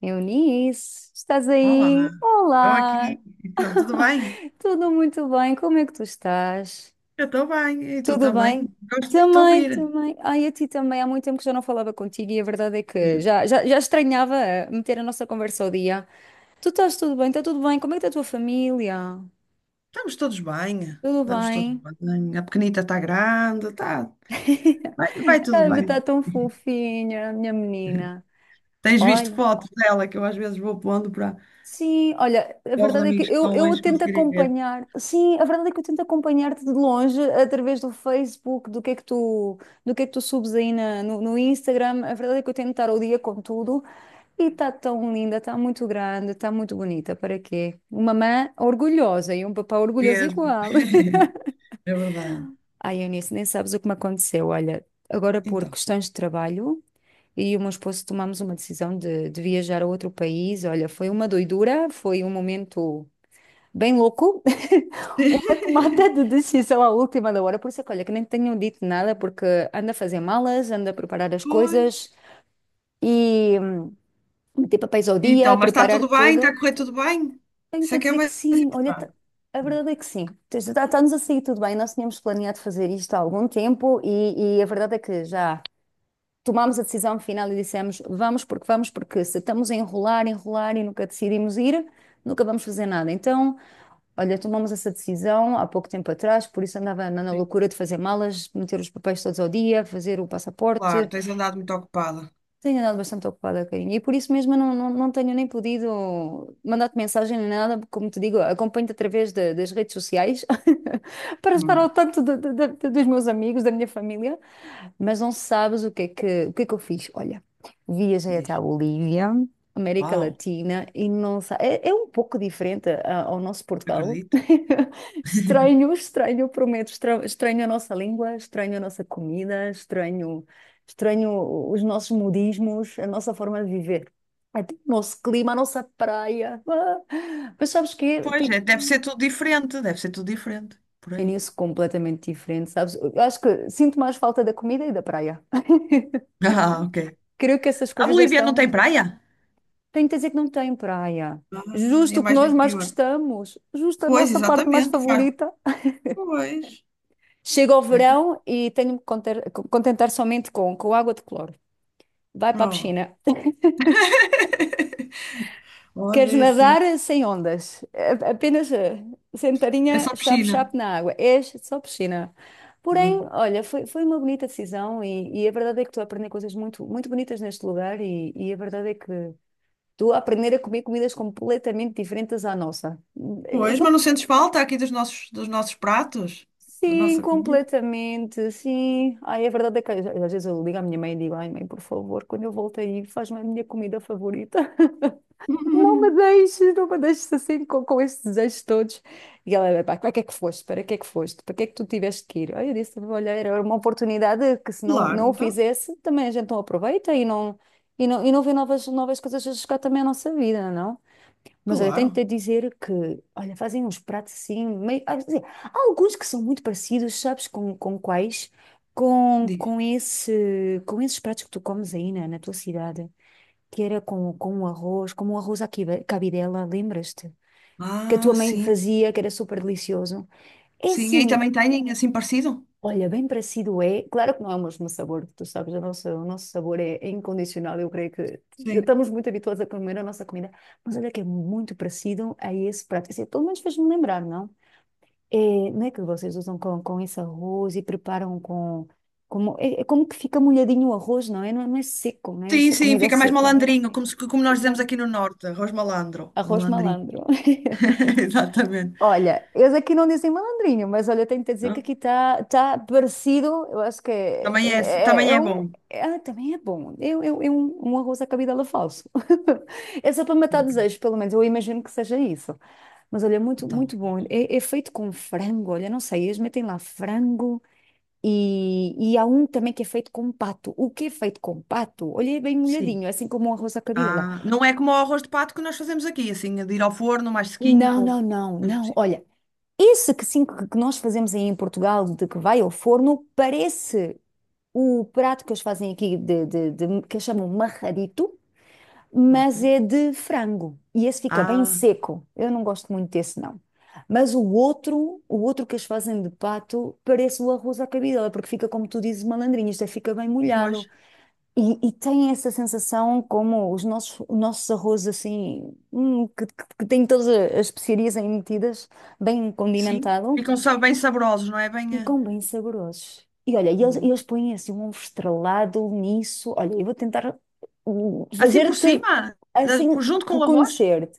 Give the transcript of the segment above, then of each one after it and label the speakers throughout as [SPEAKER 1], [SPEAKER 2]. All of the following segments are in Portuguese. [SPEAKER 1] Eunice, estás
[SPEAKER 2] Olá,
[SPEAKER 1] aí?
[SPEAKER 2] estou
[SPEAKER 1] Olá!
[SPEAKER 2] aqui. Então, tudo bem?
[SPEAKER 1] Tudo muito bem? Como é que tu estás?
[SPEAKER 2] Eu estou bem, e tu
[SPEAKER 1] Tudo
[SPEAKER 2] também?
[SPEAKER 1] bem?
[SPEAKER 2] Gosto muito de te
[SPEAKER 1] Também,
[SPEAKER 2] ouvir.
[SPEAKER 1] também. Ai, a ti também. Há muito tempo que já não falava contigo e a verdade é que
[SPEAKER 2] Mesmo.
[SPEAKER 1] já estranhava meter a nossa conversa ao dia. Tu estás tudo bem? Está tudo bem? Como é que está a tua família?
[SPEAKER 2] Estamos todos bem,
[SPEAKER 1] Tudo
[SPEAKER 2] estamos todos
[SPEAKER 1] bem?
[SPEAKER 2] bem. A pequenita está grande, tá, vai tudo
[SPEAKER 1] Está
[SPEAKER 2] bem.
[SPEAKER 1] tão fofinha, minha menina.
[SPEAKER 2] Tens visto
[SPEAKER 1] Olha.
[SPEAKER 2] fotos dela que eu às vezes vou pondo para,
[SPEAKER 1] Sim, olha, a
[SPEAKER 2] para os
[SPEAKER 1] verdade é que
[SPEAKER 2] amigos que
[SPEAKER 1] eu,
[SPEAKER 2] estão
[SPEAKER 1] eu
[SPEAKER 2] longe
[SPEAKER 1] tento
[SPEAKER 2] conseguirem ver.
[SPEAKER 1] acompanhar, sim, a verdade é que eu tento acompanhar-te de longe através do Facebook, do que é que tu, do que é que tu subes aí na- no, no Instagram. A verdade é que eu tento estar ao dia com tudo e está tão linda, está muito grande, está muito bonita. Para quê? Uma mãe orgulhosa e um papá orgulhoso
[SPEAKER 2] Mesmo.
[SPEAKER 1] igual.
[SPEAKER 2] É verdade.
[SPEAKER 1] Ai, Eunice, nem sabes o que me aconteceu. Olha, agora por
[SPEAKER 2] Então.
[SPEAKER 1] questões de trabalho. E o meu esposo tomamos uma decisão de viajar a outro país. Olha, foi uma doidura, foi um momento bem louco, uma tomada de decisão à última da hora. Por isso é que, olha, que nem tenham dito nada, porque anda a fazer malas, anda a preparar as
[SPEAKER 2] Pois.
[SPEAKER 1] coisas e meter papéis ao dia,
[SPEAKER 2] Então, mas está
[SPEAKER 1] preparar
[SPEAKER 2] tudo bem? Está
[SPEAKER 1] tudo.
[SPEAKER 2] a correr tudo bem? Isso
[SPEAKER 1] Tenho-te a
[SPEAKER 2] é que é
[SPEAKER 1] dizer que
[SPEAKER 2] mais
[SPEAKER 1] sim, olha,
[SPEAKER 2] importante.
[SPEAKER 1] a verdade é que sim. Está-nos a sair tudo bem, nós tínhamos planeado fazer isto há algum tempo e a verdade é que já tomámos a decisão final e dissemos vamos, porque se estamos a enrolar e nunca decidimos ir, nunca vamos fazer nada. Então. Olha, tomamos essa decisão há pouco tempo atrás, por isso andava na
[SPEAKER 2] Sim.
[SPEAKER 1] loucura de fazer malas, meter os papéis todos ao dia, fazer o
[SPEAKER 2] Claro,
[SPEAKER 1] passaporte.
[SPEAKER 2] tens andado muito ocupada.
[SPEAKER 1] Tenho andado bastante ocupada, carinha, e por isso mesmo eu não tenho nem podido mandar-te mensagem nem nada, porque, como te digo, acompanho-te através das redes sociais para estar ao
[SPEAKER 2] Hum,
[SPEAKER 1] tanto dos meus amigos, da minha família. Mas não sabes o que é que eu fiz? Olha, viajei até a
[SPEAKER 2] Diz,
[SPEAKER 1] Bolívia, América
[SPEAKER 2] uau,
[SPEAKER 1] Latina, e não sa- é, é um pouco diferente ao nosso Portugal.
[SPEAKER 2] acredito.
[SPEAKER 1] Estranho, prometo, estranho a nossa língua, estranho a nossa comida, estranho, estranho os nossos modismos, a nossa forma de viver. Até o nosso clima, a nossa praia. Ah, mas sabes que
[SPEAKER 2] Pois
[SPEAKER 1] tem,
[SPEAKER 2] é, deve ser tudo diferente, deve ser tudo diferente por
[SPEAKER 1] é
[SPEAKER 2] aí.
[SPEAKER 1] nisso completamente diferente, sabes? Eu acho que sinto mais falta da comida e da praia.
[SPEAKER 2] Ah, ok.
[SPEAKER 1] Creio que essas
[SPEAKER 2] A
[SPEAKER 1] coisas já
[SPEAKER 2] Bolívia não tem
[SPEAKER 1] estão.
[SPEAKER 2] praia?
[SPEAKER 1] Tenho que dizer que não tem praia.
[SPEAKER 2] Ah, é
[SPEAKER 1] Justo o que
[SPEAKER 2] mais no
[SPEAKER 1] nós mais
[SPEAKER 2] interior.
[SPEAKER 1] gostamos, justo a
[SPEAKER 2] Pois,
[SPEAKER 1] nossa parte mais
[SPEAKER 2] exatamente. Faz.
[SPEAKER 1] favorita.
[SPEAKER 2] Pois,
[SPEAKER 1] Chega ao
[SPEAKER 2] daqui-
[SPEAKER 1] verão e contentar somente com água de cloro. Vai para a
[SPEAKER 2] ó,
[SPEAKER 1] piscina.
[SPEAKER 2] olha
[SPEAKER 1] Queres
[SPEAKER 2] é assim.
[SPEAKER 1] nadar sem ondas? Apenas
[SPEAKER 2] É
[SPEAKER 1] sentadinha,
[SPEAKER 2] só piscina.
[SPEAKER 1] chape-chape na água. É só piscina. Porém,
[SPEAKER 2] Né?
[SPEAKER 1] olha, foi, foi uma bonita decisão e a verdade é que estou a aprender coisas muito, muito bonitas neste lugar e a verdade é que tu a aprender a comer comidas completamente diferentes à nossa.
[SPEAKER 2] Pois, mas
[SPEAKER 1] São,
[SPEAKER 2] não sentes falta aqui dos nossos pratos? Da
[SPEAKER 1] sim,
[SPEAKER 2] nossa comida.
[SPEAKER 1] completamente, sim. Ai, a verdade é que às vezes eu ligo à minha mãe e digo, ai mãe, por favor, quando eu volto aí, faz-me a minha comida favorita. Não me deixes, não me deixes assim com estes desejos todos. E ela, pá, para que é que foste? Para que é que foste? Para que é que tu tiveste que ir? Ai, eu disse, olha, era uma oportunidade que se não,
[SPEAKER 2] Claro,
[SPEAKER 1] não o
[SPEAKER 2] então.
[SPEAKER 1] fizesse, também a gente não aproveita e não, e não, e não vê novas, novas coisas a chegar também à nossa vida, não? Mas olha, tenho-te
[SPEAKER 2] Claro,
[SPEAKER 1] a dizer que, olha, fazem uns pratos assim, meio, ah, quer dizer, há alguns que são muito parecidos, sabes, com quais? Com,
[SPEAKER 2] diz.
[SPEAKER 1] com esse, com esses pratos que tu comes aí na tua cidade, que era com um arroz, como um arroz cabidela, lembras-te? Que a
[SPEAKER 2] Ah,
[SPEAKER 1] tua mãe
[SPEAKER 2] sim,
[SPEAKER 1] fazia, que era super delicioso. É
[SPEAKER 2] sim. Aí
[SPEAKER 1] assim,
[SPEAKER 2] também têm assim parecido?
[SPEAKER 1] olha, bem parecido é. Claro que não é o mesmo sabor, tu sabes, o nosso sabor é, é incondicional. Eu creio que
[SPEAKER 2] Sim.
[SPEAKER 1] estamos muito habituados a comer a nossa comida, mas olha que é muito parecido a esse prato. Assim, pelo menos fez-me lembrar, não? É, não é que vocês usam com esse arroz e preparam com. Como, é, é como que fica molhadinho o arroz, não é? Não é, não é seco, não é?
[SPEAKER 2] Sim,
[SPEAKER 1] Essa
[SPEAKER 2] sim,
[SPEAKER 1] comida
[SPEAKER 2] fica mais
[SPEAKER 1] seca.
[SPEAKER 2] malandrinho, como, como nós dizemos
[SPEAKER 1] Fica
[SPEAKER 2] aqui no norte, arroz malandro.
[SPEAKER 1] arroz
[SPEAKER 2] Malandrinho.
[SPEAKER 1] malandro.
[SPEAKER 2] Exatamente.
[SPEAKER 1] Olha, eles aqui não dizem malandrinho, mas olha, tenho que te dizer que
[SPEAKER 2] Não?
[SPEAKER 1] aqui está tá parecido. Eu acho que é,
[SPEAKER 2] Também é, assim- também
[SPEAKER 1] é
[SPEAKER 2] é
[SPEAKER 1] um.
[SPEAKER 2] bom.
[SPEAKER 1] Também é bom. É, é um, um arroz à cabidela falso. É só para matar
[SPEAKER 2] Ok.
[SPEAKER 1] desejos, pelo menos. Eu imagino que seja isso. Mas olha, é muito,
[SPEAKER 2] Então,
[SPEAKER 1] muito bom. É, é feito com frango, olha, não sei, eles metem lá frango e há um também que é feito com pato. O que é feito com pato? Olha, é bem
[SPEAKER 2] sim.
[SPEAKER 1] molhadinho, é assim como um arroz à cabidela.
[SPEAKER 2] Ah, não é como o arroz de pato que nós fazemos aqui, assim, de ir ao forno, mais sequinho,
[SPEAKER 1] Não, não,
[SPEAKER 2] com
[SPEAKER 1] não,
[SPEAKER 2] queijo por
[SPEAKER 1] não.
[SPEAKER 2] cima.
[SPEAKER 1] Olha. Esse que sim que nós fazemos aí em Portugal, de que vai ao forno, parece o prato que eles fazem aqui, que eles chamam marradito,
[SPEAKER 2] Ok.
[SPEAKER 1] mas é de frango. E esse fica bem
[SPEAKER 2] Ah,
[SPEAKER 1] seco. Eu não gosto muito desse, não. Mas o outro que eles fazem de pato, parece o arroz à cabidela, porque fica, como tu dizes, malandrinho, isto é, fica bem
[SPEAKER 2] pois,
[SPEAKER 1] molhado. E tem essa sensação como os nossos arroz assim, que têm todas as especiarias aí metidas, bem
[SPEAKER 2] sim.
[SPEAKER 1] condimentado.
[SPEAKER 2] Ficam bem saborosos, não é? Bem,
[SPEAKER 1] Ficam bem saborosos. E olha, e
[SPEAKER 2] boa.
[SPEAKER 1] eles põem assim um ovo estrelado nisso. Olha, eu vou tentar
[SPEAKER 2] Assim por
[SPEAKER 1] fazer-te
[SPEAKER 2] cima,
[SPEAKER 1] assim
[SPEAKER 2] junto com o arroz?
[SPEAKER 1] reconhecer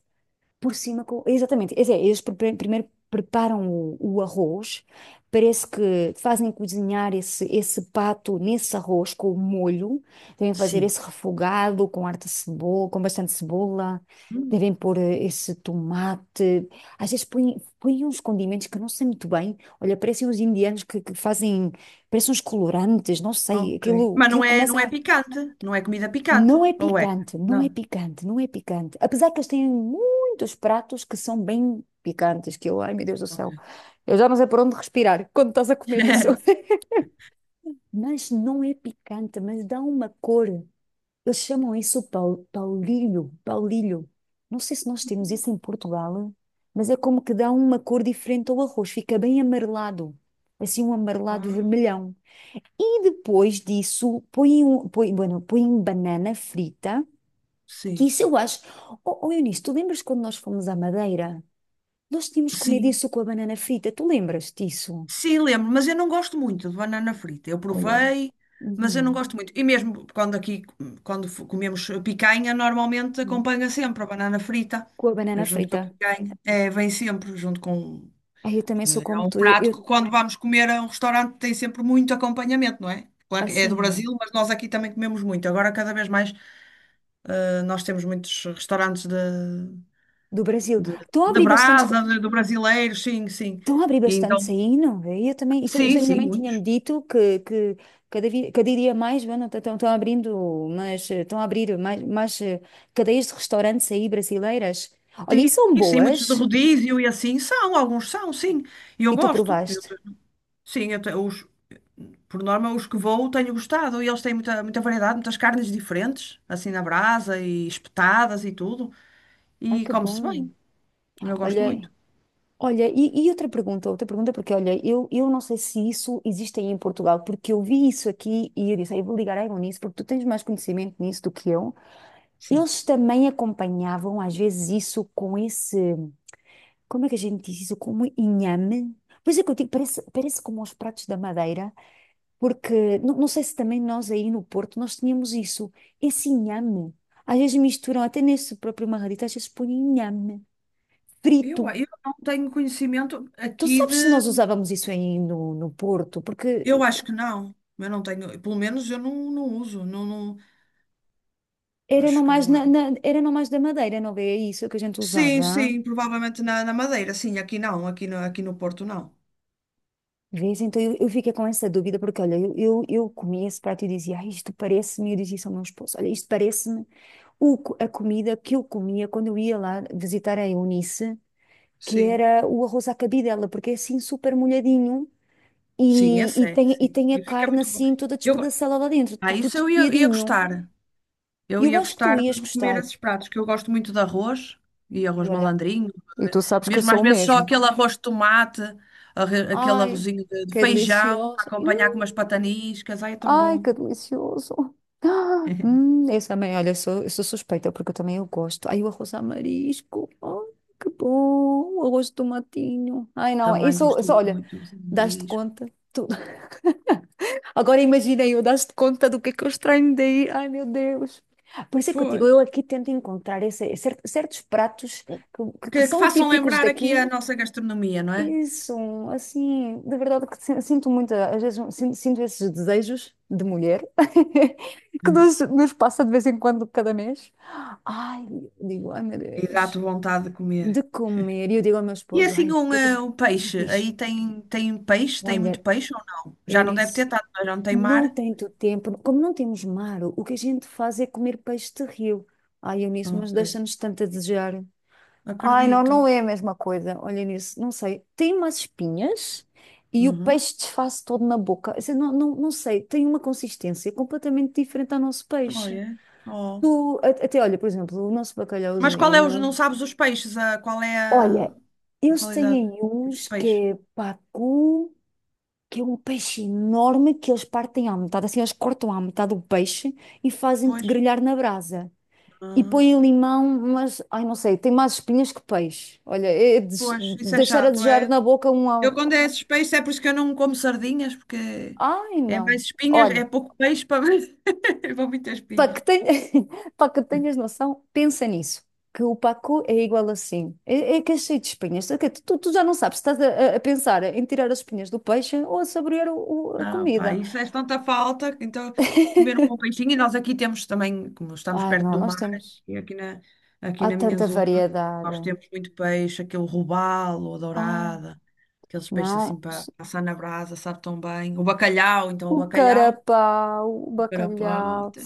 [SPEAKER 1] por cima com. Exatamente, é, primeiro preparam o arroz, parece que fazem cozinhar esse, esse pato nesse arroz com o molho, devem fazer
[SPEAKER 2] Sim.
[SPEAKER 1] esse refogado com harta cebola, com bastante cebola, devem pôr esse tomate, às vezes põem, põem uns condimentos que eu não sei muito bem, olha, parecem uns indianos que fazem, parecem uns colorantes, não sei,
[SPEAKER 2] Ok.
[SPEAKER 1] aquilo,
[SPEAKER 2] Mas
[SPEAKER 1] aquilo
[SPEAKER 2] não é
[SPEAKER 1] começa
[SPEAKER 2] picante, não é comida picante,
[SPEAKER 1] não é
[SPEAKER 2] ou é?
[SPEAKER 1] picante, não é
[SPEAKER 2] Não.
[SPEAKER 1] picante, não é picante. Apesar que eles têm muitos pratos que são bem picantes, que eu, ai meu Deus do
[SPEAKER 2] Ok.
[SPEAKER 1] céu, eu já não sei por onde respirar quando estás a comer isso. Mas não é picante, mas dá uma cor. Eles chamam isso paulilho, paulilho. Não sei se nós temos isso em Portugal, mas é como que dá uma cor diferente ao arroz, fica bem amarelado, assim um amarelado
[SPEAKER 2] Ah,
[SPEAKER 1] vermelhão. E depois disso, põem, põem, bueno, põem banana frita que
[SPEAKER 2] sim,
[SPEAKER 1] isso eu acho. Oh, oh Eunice, tu lembras quando nós fomos à Madeira? Nós tínhamos comido
[SPEAKER 2] sim.
[SPEAKER 1] isso com a banana frita. Tu lembras disso?
[SPEAKER 2] Sim, lembro, mas eu não gosto muito de banana frita. Eu
[SPEAKER 1] Olha.
[SPEAKER 2] provei, mas eu não
[SPEAKER 1] Uhum,
[SPEAKER 2] gosto muito. E mesmo quando aqui, quando comemos picanha, normalmente
[SPEAKER 1] uhum.
[SPEAKER 2] acompanha sempre a banana frita,
[SPEAKER 1] Com a banana
[SPEAKER 2] junto com a
[SPEAKER 1] frita.
[SPEAKER 2] picanha. É, vem sempre junto com.
[SPEAKER 1] Ai, eu também sou
[SPEAKER 2] É
[SPEAKER 1] como
[SPEAKER 2] um
[SPEAKER 1] tu.
[SPEAKER 2] prato que quando vamos comer a um restaurante tem sempre muito acompanhamento, não é? Claro que é do
[SPEAKER 1] Assim é.
[SPEAKER 2] Brasil, mas nós aqui também comemos muito. Agora cada vez mais. Nós temos muitos restaurantes
[SPEAKER 1] Do Brasil.
[SPEAKER 2] de,
[SPEAKER 1] Estão a
[SPEAKER 2] da
[SPEAKER 1] abrir bastante.
[SPEAKER 2] brasa, do brasileiro, sim, sim.
[SPEAKER 1] Estão a abrir
[SPEAKER 2] E
[SPEAKER 1] bastante
[SPEAKER 2] então,
[SPEAKER 1] aí, não é? Eu também. Isso
[SPEAKER 2] sim,
[SPEAKER 1] a minha
[SPEAKER 2] sim,
[SPEAKER 1] mãe tinha-me
[SPEAKER 2] muitos.
[SPEAKER 1] dito que cada dia mais bueno, estão, estão abrindo, mas estão a abrir mais, mais cadeias de restaurantes aí brasileiras. Olha, e
[SPEAKER 2] Sim,
[SPEAKER 1] são
[SPEAKER 2] sim, muitos de
[SPEAKER 1] boas.
[SPEAKER 2] rodízio e assim são, alguns são, sim. E
[SPEAKER 1] E
[SPEAKER 2] eu
[SPEAKER 1] tu
[SPEAKER 2] gosto. Eu-
[SPEAKER 1] provaste?
[SPEAKER 2] sim, eu te- os, por norma, os que vou tenho gostado. E eles têm muita, muita variedade, muitas carnes diferentes, assim na brasa e espetadas e tudo.
[SPEAKER 1] Ai,
[SPEAKER 2] E
[SPEAKER 1] que
[SPEAKER 2] come-se
[SPEAKER 1] bom.
[SPEAKER 2] bem. Eu gosto
[SPEAKER 1] Olha,
[SPEAKER 2] muito.
[SPEAKER 1] olha, e outra pergunta, porque olha, eu não sei se isso existe aí em Portugal, porque eu vi isso aqui e eu disse, "Ah, eu vou ligar à Egon nisso, porque tu tens mais conhecimento nisso do que eu.
[SPEAKER 2] Sim.
[SPEAKER 1] Eles também acompanhavam às vezes isso com esse, como é que a gente diz isso? Como inhame? Pois é que eu digo, parece, parece como os pratos da Madeira, porque não, não sei se também nós aí no Porto nós tínhamos isso, esse inhame. Às vezes misturam, até nesse próprio marradito, às vezes põem inhame
[SPEAKER 2] Eu,
[SPEAKER 1] frito.
[SPEAKER 2] eu não tenho conhecimento
[SPEAKER 1] Tu
[SPEAKER 2] aqui
[SPEAKER 1] sabes
[SPEAKER 2] de.
[SPEAKER 1] se nós usávamos isso aí no Porto? Porque
[SPEAKER 2] Eu acho que não. Eu não tenho, pelo menos eu não uso. Não, não.
[SPEAKER 1] era não
[SPEAKER 2] Acho que
[SPEAKER 1] mais,
[SPEAKER 2] não há.
[SPEAKER 1] era não mais da Madeira, não é isso que a gente
[SPEAKER 2] Sim,
[SPEAKER 1] usava?
[SPEAKER 2] sim, provavelmente na Madeira, sim, aqui não, aqui no Porto não.
[SPEAKER 1] Vês? Então eu fiquei com essa dúvida, porque olha, eu comia esse prato e dizia, ah, isto parece-me, e eu dizia isso ao meu esposo, olha, isto parece-me a comida que eu comia quando eu ia lá visitar a Eunice, que
[SPEAKER 2] Sim,
[SPEAKER 1] era o arroz à cabidela, porque é assim super molhadinho
[SPEAKER 2] sim, esse é,
[SPEAKER 1] e
[SPEAKER 2] sim.
[SPEAKER 1] tem a
[SPEAKER 2] E fica
[SPEAKER 1] carne
[SPEAKER 2] muito bom.
[SPEAKER 1] assim toda
[SPEAKER 2] Eu, go-
[SPEAKER 1] despedaçada lá dentro,
[SPEAKER 2] ah,
[SPEAKER 1] tudo tudo
[SPEAKER 2] isso eu ia
[SPEAKER 1] espiadinho.
[SPEAKER 2] gostar. Eu
[SPEAKER 1] Eu
[SPEAKER 2] ia
[SPEAKER 1] acho que tu
[SPEAKER 2] gostar
[SPEAKER 1] ias
[SPEAKER 2] de comer
[SPEAKER 1] gostar.
[SPEAKER 2] esses pratos, que eu gosto muito de arroz, e
[SPEAKER 1] Ai,
[SPEAKER 2] arroz
[SPEAKER 1] olha,
[SPEAKER 2] malandrinho,
[SPEAKER 1] e
[SPEAKER 2] eh,
[SPEAKER 1] tu sabes que eu
[SPEAKER 2] mesmo às
[SPEAKER 1] sou o
[SPEAKER 2] vezes só
[SPEAKER 1] mesmo.
[SPEAKER 2] aquele arroz de tomate, aquele
[SPEAKER 1] Ai,
[SPEAKER 2] arrozinho de
[SPEAKER 1] que
[SPEAKER 2] feijão, para
[SPEAKER 1] delicioso.
[SPEAKER 2] acompanhar com umas pataniscas, ai, é tão
[SPEAKER 1] Ai,
[SPEAKER 2] bom.
[SPEAKER 1] que delicioso. Ah, eu também, olha, sou, eu sou suspeita porque eu também eu gosto. Ai, o arroz a marisco. Ai, que bom. O arroz de tomatinho. Ai, não,
[SPEAKER 2] Também
[SPEAKER 1] isso,
[SPEAKER 2] gosto
[SPEAKER 1] isso olha,
[SPEAKER 2] muito de arrozinho de
[SPEAKER 1] dás-te
[SPEAKER 2] marisco.
[SPEAKER 1] conta. De tudo. Agora imaginei eu, dás-te conta do que é que eu estranho daí. Ai, meu Deus. Por isso é que eu digo,
[SPEAKER 2] Pois.
[SPEAKER 1] eu aqui tento encontrar certos pratos que, que-
[SPEAKER 2] Que,
[SPEAKER 1] que
[SPEAKER 2] que
[SPEAKER 1] são
[SPEAKER 2] façam
[SPEAKER 1] típicos
[SPEAKER 2] lembrar aqui
[SPEAKER 1] daqui,
[SPEAKER 2] a nossa gastronomia, não é?
[SPEAKER 1] isso, assim, de verdade que sinto muito, às vezes sinto esses desejos de mulher que
[SPEAKER 2] Uhum.
[SPEAKER 1] nos passa de vez em quando, cada mês. Ai, eu digo, ai meu
[SPEAKER 2] Exato,
[SPEAKER 1] Deus,
[SPEAKER 2] vontade de comer.
[SPEAKER 1] de comer. E eu digo ao meu
[SPEAKER 2] E é
[SPEAKER 1] esposo,
[SPEAKER 2] assim
[SPEAKER 1] ai, o
[SPEAKER 2] um,
[SPEAKER 1] que é que a
[SPEAKER 2] eh,
[SPEAKER 1] gente
[SPEAKER 2] um peixe,
[SPEAKER 1] diz?
[SPEAKER 2] aí tem, peixe, tem muito
[SPEAKER 1] Olha,
[SPEAKER 2] peixe ou não? Já não deve ter
[SPEAKER 1] Eunice,
[SPEAKER 2] tanto, mas já não tem
[SPEAKER 1] não
[SPEAKER 2] mar?
[SPEAKER 1] tanto tempo, como não temos mar, o que a gente faz é comer peixe de rio. Ai, Eunice, mas
[SPEAKER 2] Ok,
[SPEAKER 1] deixa-nos tanto a desejar. Ai, não,
[SPEAKER 2] acredito.
[SPEAKER 1] não é a mesma coisa. Olha nisso, não sei. Tem umas espinhas e o
[SPEAKER 2] Uhum.
[SPEAKER 1] peixe desfaz todo na boca. Quer dizer, não, não, não sei, tem uma consistência completamente diferente ao nosso peixe.
[SPEAKER 2] Olha, oh.
[SPEAKER 1] Tu, até olha, por exemplo, o nosso
[SPEAKER 2] Mas qual é os, não
[SPEAKER 1] bacalhauzinho.
[SPEAKER 2] sabes os peixes, a, qual é a
[SPEAKER 1] Olha, eles têm
[SPEAKER 2] qualidade,
[SPEAKER 1] aí
[SPEAKER 2] tipo de
[SPEAKER 1] uns que
[SPEAKER 2] peixe?
[SPEAKER 1] é pacu, que é um peixe enorme que eles partem à metade, assim, eles cortam à metade o peixe e fazem-te
[SPEAKER 2] Pois,
[SPEAKER 1] grelhar na brasa. E
[SPEAKER 2] ah,
[SPEAKER 1] põe limão, mas, ai, não sei, tem mais espinhas que peixe. Olha, é
[SPEAKER 2] pois, isso é
[SPEAKER 1] deixar a
[SPEAKER 2] chato,
[SPEAKER 1] desejar
[SPEAKER 2] é.
[SPEAKER 1] na boca um.
[SPEAKER 2] Eu quando é esses peixes é por isso que eu não como sardinhas, porque
[SPEAKER 1] Ai,
[SPEAKER 2] é mais
[SPEAKER 1] não.
[SPEAKER 2] espinhas, é
[SPEAKER 1] Olha,
[SPEAKER 2] pouco peixe para, para muita
[SPEAKER 1] para
[SPEAKER 2] espinha.
[SPEAKER 1] que, ten... para que tenhas noção, pensa nisso. Que o pacu é igual assim. É que é cheio de espinhas. Ok, Tu já não sabes, estás a pensar em tirar as espinhas do peixe ou a saborear a
[SPEAKER 2] Ah, pá,
[SPEAKER 1] comida.
[SPEAKER 2] isso faz tanta falta. Então, comer um bom peixinho. E nós aqui temos também, como estamos
[SPEAKER 1] Ai,
[SPEAKER 2] perto
[SPEAKER 1] não,
[SPEAKER 2] do
[SPEAKER 1] nós
[SPEAKER 2] mar,
[SPEAKER 1] temos.
[SPEAKER 2] e aqui na, aqui
[SPEAKER 1] Há
[SPEAKER 2] na minha
[SPEAKER 1] tanta
[SPEAKER 2] zona,
[SPEAKER 1] variedade.
[SPEAKER 2] nós temos muito peixe, aquele robalo, a
[SPEAKER 1] Ai,
[SPEAKER 2] dourada, aqueles peixes assim
[SPEAKER 1] não.
[SPEAKER 2] para assar na brasa, sabe tão bem. O bacalhau, então, o
[SPEAKER 1] O
[SPEAKER 2] bacalhau,
[SPEAKER 1] carapau, o bacalhau.
[SPEAKER 2] carapata.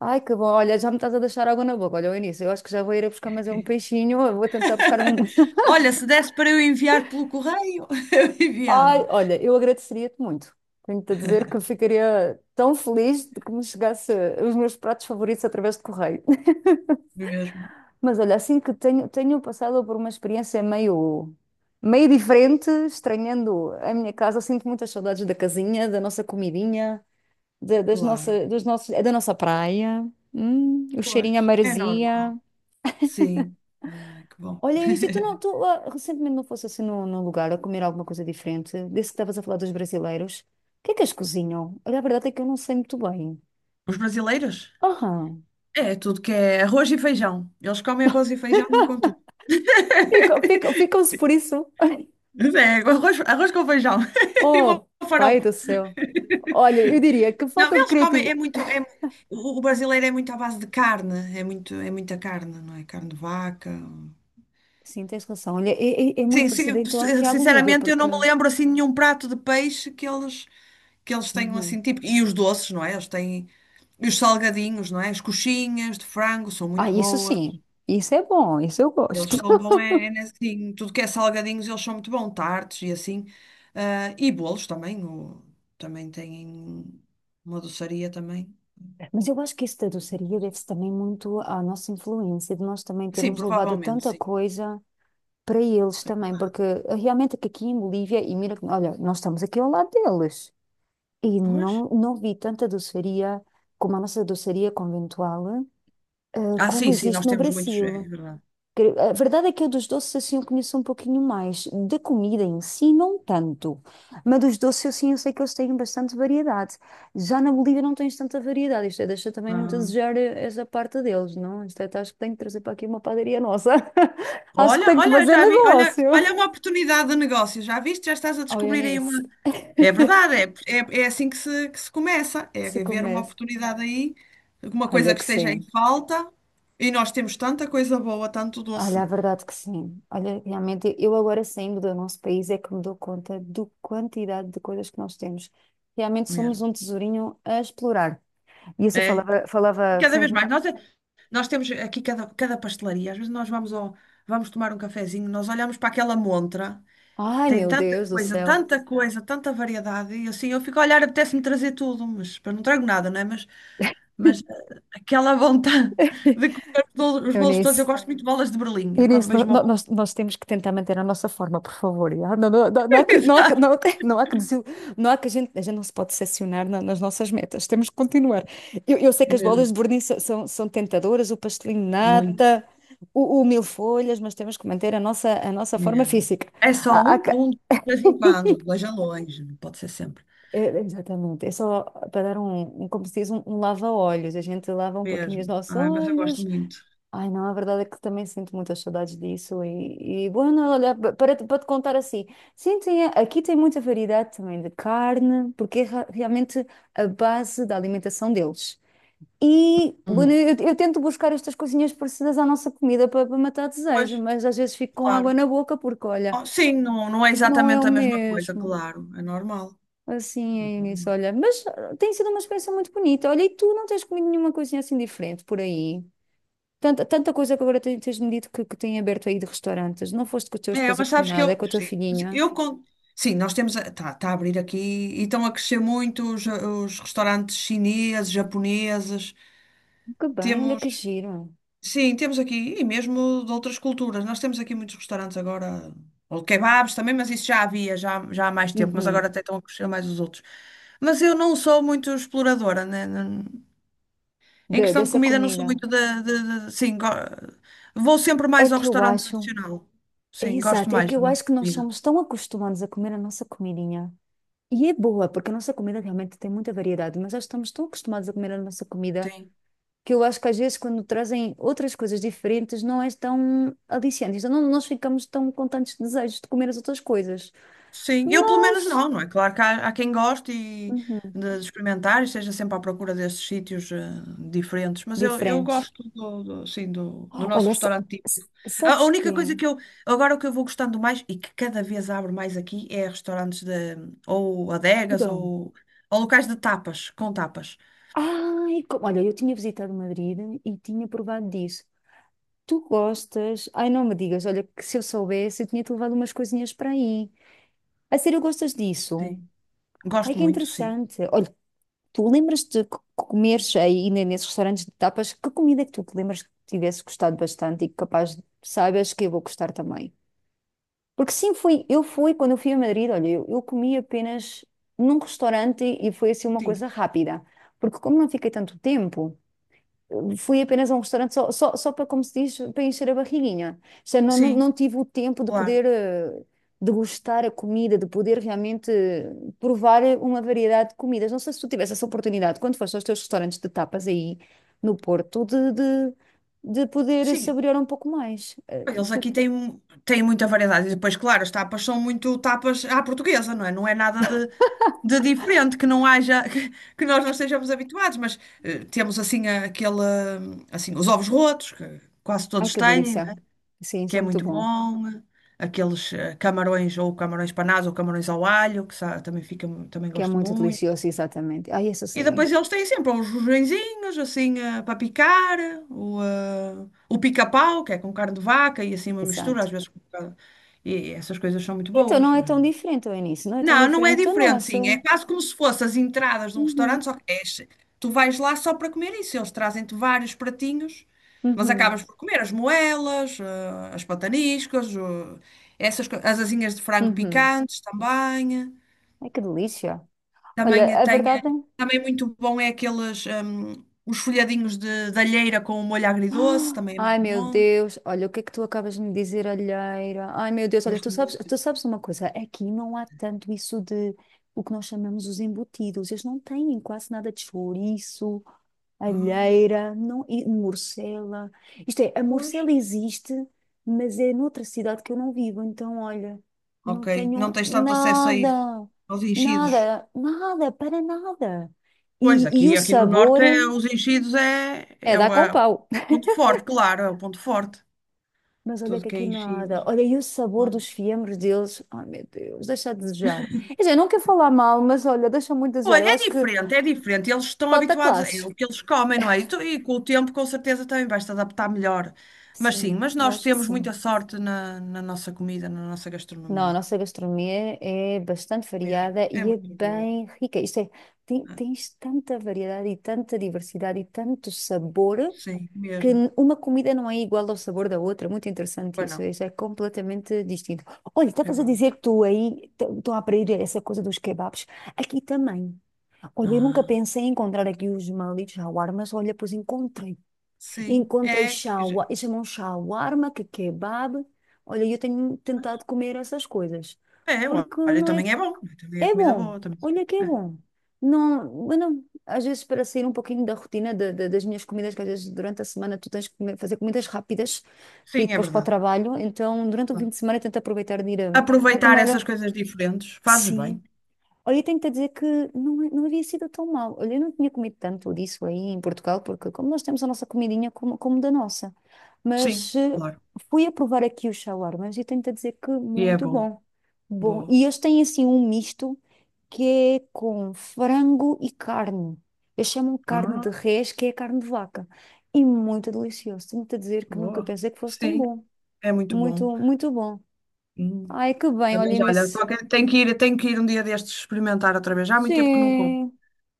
[SPEAKER 1] Ai, que bom. Olha, já me estás a deixar água na boca. Olha, o início, eu acho que já vou ir a buscar mais é um peixinho. Eu vou tentar buscar um.
[SPEAKER 2] Olha, se desse para eu enviar pelo correio, eu
[SPEAKER 1] Ai,
[SPEAKER 2] enviava.
[SPEAKER 1] olha, eu agradeceria-te muito. Tenho-te a dizer que eu ficaria tão feliz de que me chegasse os meus pratos favoritos através de correio.
[SPEAKER 2] Mesmo,
[SPEAKER 1] Mas olha, assim que tenho passado por uma experiência meio diferente, estranhando a minha casa, sinto muitas saudades da casinha, da nossa comidinha. Da- das
[SPEAKER 2] claro.
[SPEAKER 1] nossa, dos nossos, é da nossa praia, o cheirinho à
[SPEAKER 2] Pois, é normal.
[SPEAKER 1] maresia.
[SPEAKER 2] Sim. Ai, que bom.
[SPEAKER 1] Olha, Eunice, tu, não, tu recentemente não fosse assim num lugar a comer alguma coisa diferente, desse que estavas a falar dos brasileiros. O que é que eles cozinham? Olha, a verdade é que eu não sei muito bem.
[SPEAKER 2] Os brasileiros?
[SPEAKER 1] Aham.
[SPEAKER 2] É tudo que é arroz e feijão. Eles comem arroz e feijão com tudo.
[SPEAKER 1] Ficam-se por isso.
[SPEAKER 2] Mas é, arroz com feijão e uma
[SPEAKER 1] Oh, pai
[SPEAKER 2] farofa.
[SPEAKER 1] do céu. Olha, eu diria que
[SPEAKER 2] Não,
[SPEAKER 1] falta de
[SPEAKER 2] eles comem, é
[SPEAKER 1] criatividade.
[SPEAKER 2] muito, é, o brasileiro é muito à base de carne, é muita carne, não é? Carne de vaca.
[SPEAKER 1] Sim, tens razão. Olha, é muito
[SPEAKER 2] Sim, sim,
[SPEAKER 1] parecido então aqui à Bolívia,
[SPEAKER 2] sinceramente eu
[SPEAKER 1] porque.
[SPEAKER 2] não me lembro assim de nenhum prato de peixe que eles tenham assim
[SPEAKER 1] Uhum.
[SPEAKER 2] tipo e os doces, não é? Eles têm e os salgadinhos, não é? As coxinhas de frango são
[SPEAKER 1] Ah,
[SPEAKER 2] muito
[SPEAKER 1] isso
[SPEAKER 2] boas.
[SPEAKER 1] sim. Isso é bom, isso eu
[SPEAKER 2] Eles
[SPEAKER 1] gosto.
[SPEAKER 2] são bom é em tudo que é salgadinhos, eles são muito bons, tartes e assim. Ah, e bolos também, também têm uma doçaria também.
[SPEAKER 1] Mas eu acho que isso da doçaria deve-se também muito à nossa influência, de nós também
[SPEAKER 2] Sim,
[SPEAKER 1] termos levado
[SPEAKER 2] provavelmente,
[SPEAKER 1] tanta
[SPEAKER 2] sim.
[SPEAKER 1] coisa para eles também, porque realmente é que aqui em Bolívia, e mira, olha, nós estamos aqui ao lado deles, e
[SPEAKER 2] Pois.
[SPEAKER 1] não vi tanta doçaria como a nossa doçaria conventual,
[SPEAKER 2] Ah,
[SPEAKER 1] como
[SPEAKER 2] sim, sim,
[SPEAKER 1] existe
[SPEAKER 2] nós
[SPEAKER 1] no
[SPEAKER 2] temos muitos, é
[SPEAKER 1] Brasil.
[SPEAKER 2] verdade.
[SPEAKER 1] A verdade é que eu dos doces assim eu conheço um pouquinho mais. Da comida em si, não tanto. Mas dos doces assim eu sei que eles têm bastante variedade. Já na Bolívia não tens tanta variedade. Isto é, deixa também muito a
[SPEAKER 2] Ah,
[SPEAKER 1] desejar essa parte deles, não? Isto é, acho que tenho que trazer para aqui uma padaria nossa. Acho que
[SPEAKER 2] Olha,
[SPEAKER 1] tenho que
[SPEAKER 2] olha,
[SPEAKER 1] fazer
[SPEAKER 2] já vi, olha,
[SPEAKER 1] negócio.
[SPEAKER 2] olha uma oportunidade de negócio, já viste? Já estás a
[SPEAKER 1] Oh,
[SPEAKER 2] descobrir aí uma.
[SPEAKER 1] Eunice,
[SPEAKER 2] É verdade, é assim que se, começa,
[SPEAKER 1] que
[SPEAKER 2] é
[SPEAKER 1] se
[SPEAKER 2] ver uma
[SPEAKER 1] comece.
[SPEAKER 2] oportunidade aí, alguma coisa
[SPEAKER 1] Olha
[SPEAKER 2] que
[SPEAKER 1] que
[SPEAKER 2] esteja em
[SPEAKER 1] sim.
[SPEAKER 2] falta, e nós temos tanta coisa boa, tanto
[SPEAKER 1] Olha,
[SPEAKER 2] doce
[SPEAKER 1] a verdade que sim. Olha, realmente, eu agora saindo do nosso país é que me dou conta do quantidade de coisas que nós temos. Realmente somos
[SPEAKER 2] mesmo.
[SPEAKER 1] um tesourinho a explorar. E isso eu
[SPEAKER 2] É,
[SPEAKER 1] falava,
[SPEAKER 2] e
[SPEAKER 1] falava
[SPEAKER 2] cada vez
[SPEAKER 1] recentemente.
[SPEAKER 2] mais. Nós temos aqui cada pastelaria. Às vezes nós vamos tomar um cafezinho, nós olhamos para aquela montra,
[SPEAKER 1] Ai,
[SPEAKER 2] tem
[SPEAKER 1] meu
[SPEAKER 2] tanta
[SPEAKER 1] Deus do
[SPEAKER 2] coisa,
[SPEAKER 1] céu.
[SPEAKER 2] tanta coisa, tanta variedade, e assim eu fico a olhar, apetece-me trazer tudo, mas eu não trago nada, não é? Mas, aquela vontade de comer os bolos todos, eu
[SPEAKER 1] Eunice.
[SPEAKER 2] gosto muito de bolas de Berlim. Eu quando
[SPEAKER 1] Inês, no-
[SPEAKER 2] vejo uma
[SPEAKER 1] no-
[SPEAKER 2] bola.
[SPEAKER 1] nós, nós temos que tentar manter a nossa forma, por favor, já? Não, não, não, não há que, não há que,
[SPEAKER 2] Exato.
[SPEAKER 1] não, não há que não há que a gente não se pode decepcionar nas nossas metas. Temos que continuar. Eu sei que as
[SPEAKER 2] Mesmo,
[SPEAKER 1] bolas de verniz são tentadoras, o pastelinho de
[SPEAKER 2] muito,
[SPEAKER 1] nata, o mil folhas, mas temos que manter a nossa forma
[SPEAKER 2] mesmo.
[SPEAKER 1] física.
[SPEAKER 2] É só
[SPEAKER 1] Há- há
[SPEAKER 2] um
[SPEAKER 1] que-
[SPEAKER 2] ponto, de vez em quando, longe a longe, não pode ser sempre.
[SPEAKER 1] É, exatamente. É só para dar como se diz, um lava-olhos. A gente lava um pouquinho os
[SPEAKER 2] Mesmo.
[SPEAKER 1] nossos
[SPEAKER 2] Ai, mas eu gosto
[SPEAKER 1] olhos,
[SPEAKER 2] muito.
[SPEAKER 1] ai, não, a verdade é que também sinto muitas saudades disso e, bueno, olha, para te contar assim, sim, aqui tem muita variedade também de carne, porque é realmente a base da alimentação deles. E, bueno,
[SPEAKER 2] Uhum.
[SPEAKER 1] eu tento buscar estas coisinhas parecidas à nossa comida para matar
[SPEAKER 2] Pois.
[SPEAKER 1] desejo, mas às vezes fico com
[SPEAKER 2] Claro.
[SPEAKER 1] água na boca porque, olha,
[SPEAKER 2] Oh, sim, não, não é
[SPEAKER 1] não é o
[SPEAKER 2] exatamente a mesma coisa,
[SPEAKER 1] mesmo.
[SPEAKER 2] claro. É normal.
[SPEAKER 1] Assim
[SPEAKER 2] É,
[SPEAKER 1] é nisso,
[SPEAKER 2] normal.
[SPEAKER 1] olha, mas tem sido uma experiência muito bonita. Olha, e tu não tens comido nenhuma coisinha assim diferente por aí? Tanta, tanta coisa que agora tens-me dito que tem aberto aí de restaurantes. Não foste com o teu
[SPEAKER 2] É,
[SPEAKER 1] esposo a
[SPEAKER 2] mas
[SPEAKER 1] comer
[SPEAKER 2] sabes que
[SPEAKER 1] nada, é
[SPEAKER 2] eu.
[SPEAKER 1] com a tua
[SPEAKER 2] Sim,
[SPEAKER 1] filhinha.
[SPEAKER 2] eu, con- sim nós temos. Está a tá- tá a abrir aqui e estão a crescer muito os restaurantes chineses, japoneses.
[SPEAKER 1] Que bem, olha que
[SPEAKER 2] Temos.
[SPEAKER 1] giro.
[SPEAKER 2] Sim, temos aqui. E mesmo de outras culturas. Nós temos aqui muitos restaurantes agora. Ou kebabs também, mas isso já há mais tempo. Mas agora
[SPEAKER 1] Uhum.
[SPEAKER 2] até estão a crescer mais os outros. Mas eu não sou muito exploradora, né? Em
[SPEAKER 1] De-
[SPEAKER 2] questão de
[SPEAKER 1] dessa
[SPEAKER 2] comida, não sou
[SPEAKER 1] comida.
[SPEAKER 2] muito vou sempre
[SPEAKER 1] É
[SPEAKER 2] mais ao
[SPEAKER 1] que eu
[SPEAKER 2] restaurante
[SPEAKER 1] acho,
[SPEAKER 2] tradicional.
[SPEAKER 1] é
[SPEAKER 2] Sim, gosto
[SPEAKER 1] exato, é
[SPEAKER 2] mais
[SPEAKER 1] que
[SPEAKER 2] da
[SPEAKER 1] eu
[SPEAKER 2] nossa
[SPEAKER 1] acho que nós
[SPEAKER 2] comida.
[SPEAKER 1] somos tão acostumados a comer a nossa comidinha. E é boa, porque a nossa comida realmente tem muita variedade, mas nós estamos tão acostumados a comer a nossa comida
[SPEAKER 2] Sim.
[SPEAKER 1] que eu acho que às vezes quando trazem outras coisas diferentes não é tão aliciante. Então não, nós ficamos tão com tantos desejos de comer as outras coisas.
[SPEAKER 2] Sim, eu pelo menos
[SPEAKER 1] Mas.
[SPEAKER 2] não, não é? Claro que há, quem goste e
[SPEAKER 1] Uhum.
[SPEAKER 2] de experimentar e esteja sempre à procura desses sítios diferentes, mas eu
[SPEAKER 1] Diferentes.
[SPEAKER 2] gosto do nosso
[SPEAKER 1] Olha, sa-
[SPEAKER 2] restaurante
[SPEAKER 1] sa-
[SPEAKER 2] típico. A
[SPEAKER 1] sabes
[SPEAKER 2] única
[SPEAKER 1] quê?
[SPEAKER 2] coisa que eu, agora o que eu vou gostando mais e que cada vez abro mais aqui é restaurantes ou adegas
[SPEAKER 1] Perdão.
[SPEAKER 2] ou locais de tapas, com tapas.
[SPEAKER 1] Ai, olha, eu tinha visitado Madrid e tinha provado disso. Tu gostas? Ai, não me digas, olha, que se eu soubesse, eu tinha-te levado umas coisinhas para aí. A sério, gostas disso?
[SPEAKER 2] Sim,
[SPEAKER 1] Ai,
[SPEAKER 2] gosto
[SPEAKER 1] que
[SPEAKER 2] muito, sim.
[SPEAKER 1] interessante. Olha, tu lembras-te que comeres aí nesses restaurantes de tapas? Que comida é que tu te lembras que tivesse gostado bastante e que capaz, saibas que eu vou gostar também? Porque sim, eu fui, quando eu fui a Madrid, olha, eu comi apenas num restaurante e foi assim uma
[SPEAKER 2] Sim,
[SPEAKER 1] coisa rápida. Porque como não fiquei tanto tempo, fui apenas a um restaurante só para, como se diz, para encher a barriguinha. Já não, não,
[SPEAKER 2] sim,
[SPEAKER 1] não tive o tempo de
[SPEAKER 2] claro.
[SPEAKER 1] poder degustar a comida, de poder realmente provar uma variedade de comidas. Não sei se tu tivesse essa oportunidade, quando foste aos teus restaurantes de tapas aí no Porto, de poder
[SPEAKER 2] Sim,
[SPEAKER 1] saborear um pouco mais.
[SPEAKER 2] eles aqui têm muita variedade. E depois, claro, as tapas são muito tapas à portuguesa, não é? Não é nada de diferente que não haja, que nós não estejamos habituados, mas temos assim aquele, assim, os ovos rotos, que quase
[SPEAKER 1] Ai,
[SPEAKER 2] todos
[SPEAKER 1] que
[SPEAKER 2] têm, não
[SPEAKER 1] delícia.
[SPEAKER 2] é?
[SPEAKER 1] Sim, isso
[SPEAKER 2] Que
[SPEAKER 1] é
[SPEAKER 2] é
[SPEAKER 1] muito
[SPEAKER 2] muito
[SPEAKER 1] bom.
[SPEAKER 2] bom. Aqueles camarões ou camarões panados ou camarões ao alho, que também
[SPEAKER 1] Que é
[SPEAKER 2] gosto
[SPEAKER 1] muito
[SPEAKER 2] muito.
[SPEAKER 1] delicioso, exatamente. Ai, isso
[SPEAKER 2] E
[SPEAKER 1] sim.
[SPEAKER 2] depois eles têm sempre uns rojõezinhos, assim, para picar, o pica-pau, que é com carne de vaca e assim uma mistura,
[SPEAKER 1] Exato.
[SPEAKER 2] às vezes. E essas coisas são muito
[SPEAKER 1] Então
[SPEAKER 2] boas.
[SPEAKER 1] não é tão diferente, o início, não é tão
[SPEAKER 2] Não, não é
[SPEAKER 1] diferente do
[SPEAKER 2] diferente, sim. É
[SPEAKER 1] nosso.
[SPEAKER 2] quase como se fossem as entradas de um
[SPEAKER 1] Uhum,
[SPEAKER 2] restaurante, só tu vais lá só para comer isso. Eles trazem-te vários pratinhos, mas
[SPEAKER 1] uhum,
[SPEAKER 2] acabas por comer as moelas, as pataniscas, as asinhas de frango
[SPEAKER 1] uhum.
[SPEAKER 2] picantes também.
[SPEAKER 1] Ai, que delícia. Olha,
[SPEAKER 2] Também
[SPEAKER 1] a
[SPEAKER 2] tem,
[SPEAKER 1] verdade. é.
[SPEAKER 2] também é muito bom é os folhadinhos de alheira com o molho agridoce,
[SPEAKER 1] Ah,
[SPEAKER 2] também é
[SPEAKER 1] ai,
[SPEAKER 2] muito
[SPEAKER 1] meu
[SPEAKER 2] bom.
[SPEAKER 1] Deus. Olha, o que é que tu acabas de me dizer, alheira? Ai, meu Deus. Olha,
[SPEAKER 2] Gosto muito.
[SPEAKER 1] tu sabes uma coisa? Aqui não há tanto isso de o que nós chamamos os embutidos. Eles não têm quase nada de chouriço,
[SPEAKER 2] Ah,
[SPEAKER 1] alheira, não, e morcela. Isto é, a
[SPEAKER 2] pois.
[SPEAKER 1] morcela existe, mas é noutra cidade que eu não vivo. Então, olha, não
[SPEAKER 2] Ok, não
[SPEAKER 1] tenho
[SPEAKER 2] tens tanto acesso a isso,
[SPEAKER 1] nada,
[SPEAKER 2] aos enchidos.
[SPEAKER 1] nada, nada, para nada.
[SPEAKER 2] Pois,
[SPEAKER 1] E
[SPEAKER 2] aqui,
[SPEAKER 1] o
[SPEAKER 2] aqui no norte
[SPEAKER 1] sabor,
[SPEAKER 2] os enchidos é,
[SPEAKER 1] é
[SPEAKER 2] é
[SPEAKER 1] dar
[SPEAKER 2] o
[SPEAKER 1] com
[SPEAKER 2] é o
[SPEAKER 1] pau.
[SPEAKER 2] ponto forte, claro, é o ponto forte.
[SPEAKER 1] Mas olha
[SPEAKER 2] Tudo
[SPEAKER 1] que
[SPEAKER 2] que é
[SPEAKER 1] aqui
[SPEAKER 2] enchidos.
[SPEAKER 1] nada. Olha, e o sabor dos fiambres deles, ai meu Deus, deixa a desejar. Quer dizer, não quero falar mal, mas olha, deixa muito a desejar. Eu
[SPEAKER 2] Olha, é
[SPEAKER 1] acho que
[SPEAKER 2] diferente, é diferente. Eles estão
[SPEAKER 1] falta
[SPEAKER 2] habituados, é
[SPEAKER 1] classes.
[SPEAKER 2] o que eles comem, não é? E com o tempo, com certeza, também vais-te adaptar melhor. Mas sim,
[SPEAKER 1] Sim,
[SPEAKER 2] mas
[SPEAKER 1] eu
[SPEAKER 2] nós
[SPEAKER 1] acho que
[SPEAKER 2] temos muita
[SPEAKER 1] sim.
[SPEAKER 2] sorte na nossa comida, na nossa
[SPEAKER 1] Não, a
[SPEAKER 2] gastronomia.
[SPEAKER 1] nossa gastronomia é bastante
[SPEAKER 2] Mesmo.
[SPEAKER 1] variada
[SPEAKER 2] É
[SPEAKER 1] e é
[SPEAKER 2] muito boa.
[SPEAKER 1] bem rica. Isto é, tem-
[SPEAKER 2] Ah,
[SPEAKER 1] tens tanta variedade e tanta diversidade e tanto sabor
[SPEAKER 2] sim,
[SPEAKER 1] que
[SPEAKER 2] mesmo.
[SPEAKER 1] uma comida não é igual ao sabor da outra. Muito interessante
[SPEAKER 2] Pois
[SPEAKER 1] isso.
[SPEAKER 2] não,
[SPEAKER 1] Isso é completamente distinto. Olha,
[SPEAKER 2] é
[SPEAKER 1] estavas a
[SPEAKER 2] verdade.
[SPEAKER 1] dizer que tu aí estão a abrir essa coisa dos kebabs. Aqui também. Olha, eu nunca
[SPEAKER 2] Ah,
[SPEAKER 1] pensei em encontrar aqui os malitos shawarmas. Olha, pois encontrei.
[SPEAKER 2] sim,
[SPEAKER 1] Encontrei
[SPEAKER 2] é. Quer
[SPEAKER 1] shawarma,
[SPEAKER 2] dizer,
[SPEAKER 1] eles chamam shawarma, que é kebab. Olha, eu tenho tentado comer essas coisas,
[SPEAKER 2] é,
[SPEAKER 1] porque
[SPEAKER 2] olha,
[SPEAKER 1] não é,
[SPEAKER 2] também é bom. Também é
[SPEAKER 1] é
[SPEAKER 2] comida
[SPEAKER 1] bom,
[SPEAKER 2] boa. Também.
[SPEAKER 1] olha que é
[SPEAKER 2] É.
[SPEAKER 1] bom. Não, eu não- às vezes para sair um pouquinho da rotina das minhas comidas, que às vezes durante a semana tu tens que fazer comidas rápidas para ir
[SPEAKER 2] Sim, é
[SPEAKER 1] depois para o
[SPEAKER 2] verdade.
[SPEAKER 1] trabalho, então durante o fim
[SPEAKER 2] Claro.
[SPEAKER 1] de semana eu tento aproveitar de ir a. Era como
[SPEAKER 2] Aproveitar essas
[SPEAKER 1] era?
[SPEAKER 2] coisas diferentes, fazes
[SPEAKER 1] Sim.
[SPEAKER 2] bem.
[SPEAKER 1] Olha, eu tenho-te a dizer que não, não havia sido tão mal. Olha, eu não tinha comido tanto disso aí em Portugal, porque como nós temos a nossa comidinha como, da nossa.
[SPEAKER 2] Sim,
[SPEAKER 1] Mas
[SPEAKER 2] claro.
[SPEAKER 1] fui a provar aqui os shawarmas e tenho-te a dizer que
[SPEAKER 2] E é
[SPEAKER 1] muito
[SPEAKER 2] bom.
[SPEAKER 1] bom. Bom,
[SPEAKER 2] Boa.
[SPEAKER 1] e eles têm assim um misto que é com frango e carne. Eles chamam carne de
[SPEAKER 2] Ah.
[SPEAKER 1] res, que é carne de vaca. E muito delicioso. Tenho-te a dizer que nunca
[SPEAKER 2] Boa.
[SPEAKER 1] pensei que fosse tão
[SPEAKER 2] Sim,
[SPEAKER 1] bom.
[SPEAKER 2] é muito bom.
[SPEAKER 1] Muito, muito bom.
[SPEAKER 2] Hum.
[SPEAKER 1] Ai, que bem,
[SPEAKER 2] Também já,
[SPEAKER 1] olhem
[SPEAKER 2] olha,
[SPEAKER 1] isso.
[SPEAKER 2] tenho que ir um dia destes experimentar outra vez. Já há muito tempo que não como.
[SPEAKER 1] Sim.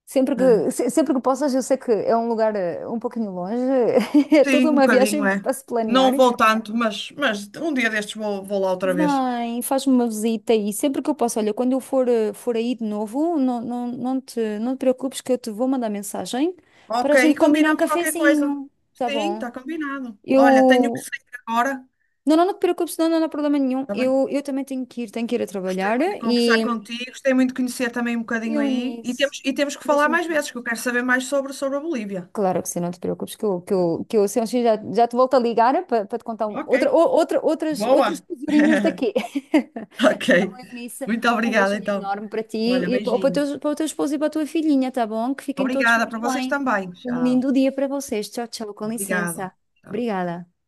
[SPEAKER 1] Sempre
[SPEAKER 2] É.
[SPEAKER 1] que, se- sempre que possas, eu sei que é um lugar um pouquinho longe, é
[SPEAKER 2] Sim,
[SPEAKER 1] toda
[SPEAKER 2] um
[SPEAKER 1] uma
[SPEAKER 2] bocadinho,
[SPEAKER 1] viagem
[SPEAKER 2] é.
[SPEAKER 1] para se
[SPEAKER 2] Não
[SPEAKER 1] planear.
[SPEAKER 2] vou tanto, mas um dia destes vou lá outra vez.
[SPEAKER 1] Vem, faz-me uma visita e sempre que eu posso, olha, quando eu for aí de novo, não, não, não te preocupes que eu te vou mandar mensagem para
[SPEAKER 2] Ok,
[SPEAKER 1] a
[SPEAKER 2] e
[SPEAKER 1] gente combinar um
[SPEAKER 2] combinamos qualquer coisa.
[SPEAKER 1] cafezinho, tá
[SPEAKER 2] Sim,
[SPEAKER 1] bom?
[SPEAKER 2] está combinado. Olha, tenho que
[SPEAKER 1] Eu.
[SPEAKER 2] sair agora.
[SPEAKER 1] Não, não, não te preocupes, não, não, não há problema nenhum.
[SPEAKER 2] Está bem?
[SPEAKER 1] Eu também tenho que ir a
[SPEAKER 2] Gostei
[SPEAKER 1] trabalhar
[SPEAKER 2] muito de conversar
[SPEAKER 1] e
[SPEAKER 2] contigo, gostei muito de conhecer também um bocadinho
[SPEAKER 1] eu
[SPEAKER 2] aí. E
[SPEAKER 1] nisso.
[SPEAKER 2] temos, e temos que
[SPEAKER 1] Um
[SPEAKER 2] falar
[SPEAKER 1] beijinho.
[SPEAKER 2] mais vezes, que eu quero saber mais sobre a Bolívia.
[SPEAKER 1] Claro que sim, não te preocupes, que eu se eu assim, já te volto a ligar para te contar um, outra,
[SPEAKER 2] Ok.
[SPEAKER 1] ou- outra, outras, outros
[SPEAKER 2] Boa!
[SPEAKER 1] tesourinhos daqui.
[SPEAKER 2] Ok.
[SPEAKER 1] Eunice,
[SPEAKER 2] Muito
[SPEAKER 1] um
[SPEAKER 2] obrigada,
[SPEAKER 1] beijinho
[SPEAKER 2] então.
[SPEAKER 1] enorme para ti
[SPEAKER 2] Olha,
[SPEAKER 1] e para, para, o
[SPEAKER 2] beijinho.
[SPEAKER 1] teu, para o teu esposo e para a tua filhinha, tá bom? Que fiquem todos
[SPEAKER 2] Obrigada
[SPEAKER 1] muito
[SPEAKER 2] para vocês
[SPEAKER 1] bem.
[SPEAKER 2] também.
[SPEAKER 1] Um
[SPEAKER 2] Tchau.
[SPEAKER 1] lindo dia para vocês. Tchau, tchau, com
[SPEAKER 2] Obrigada.
[SPEAKER 1] licença.
[SPEAKER 2] Tchau.
[SPEAKER 1] Obrigada.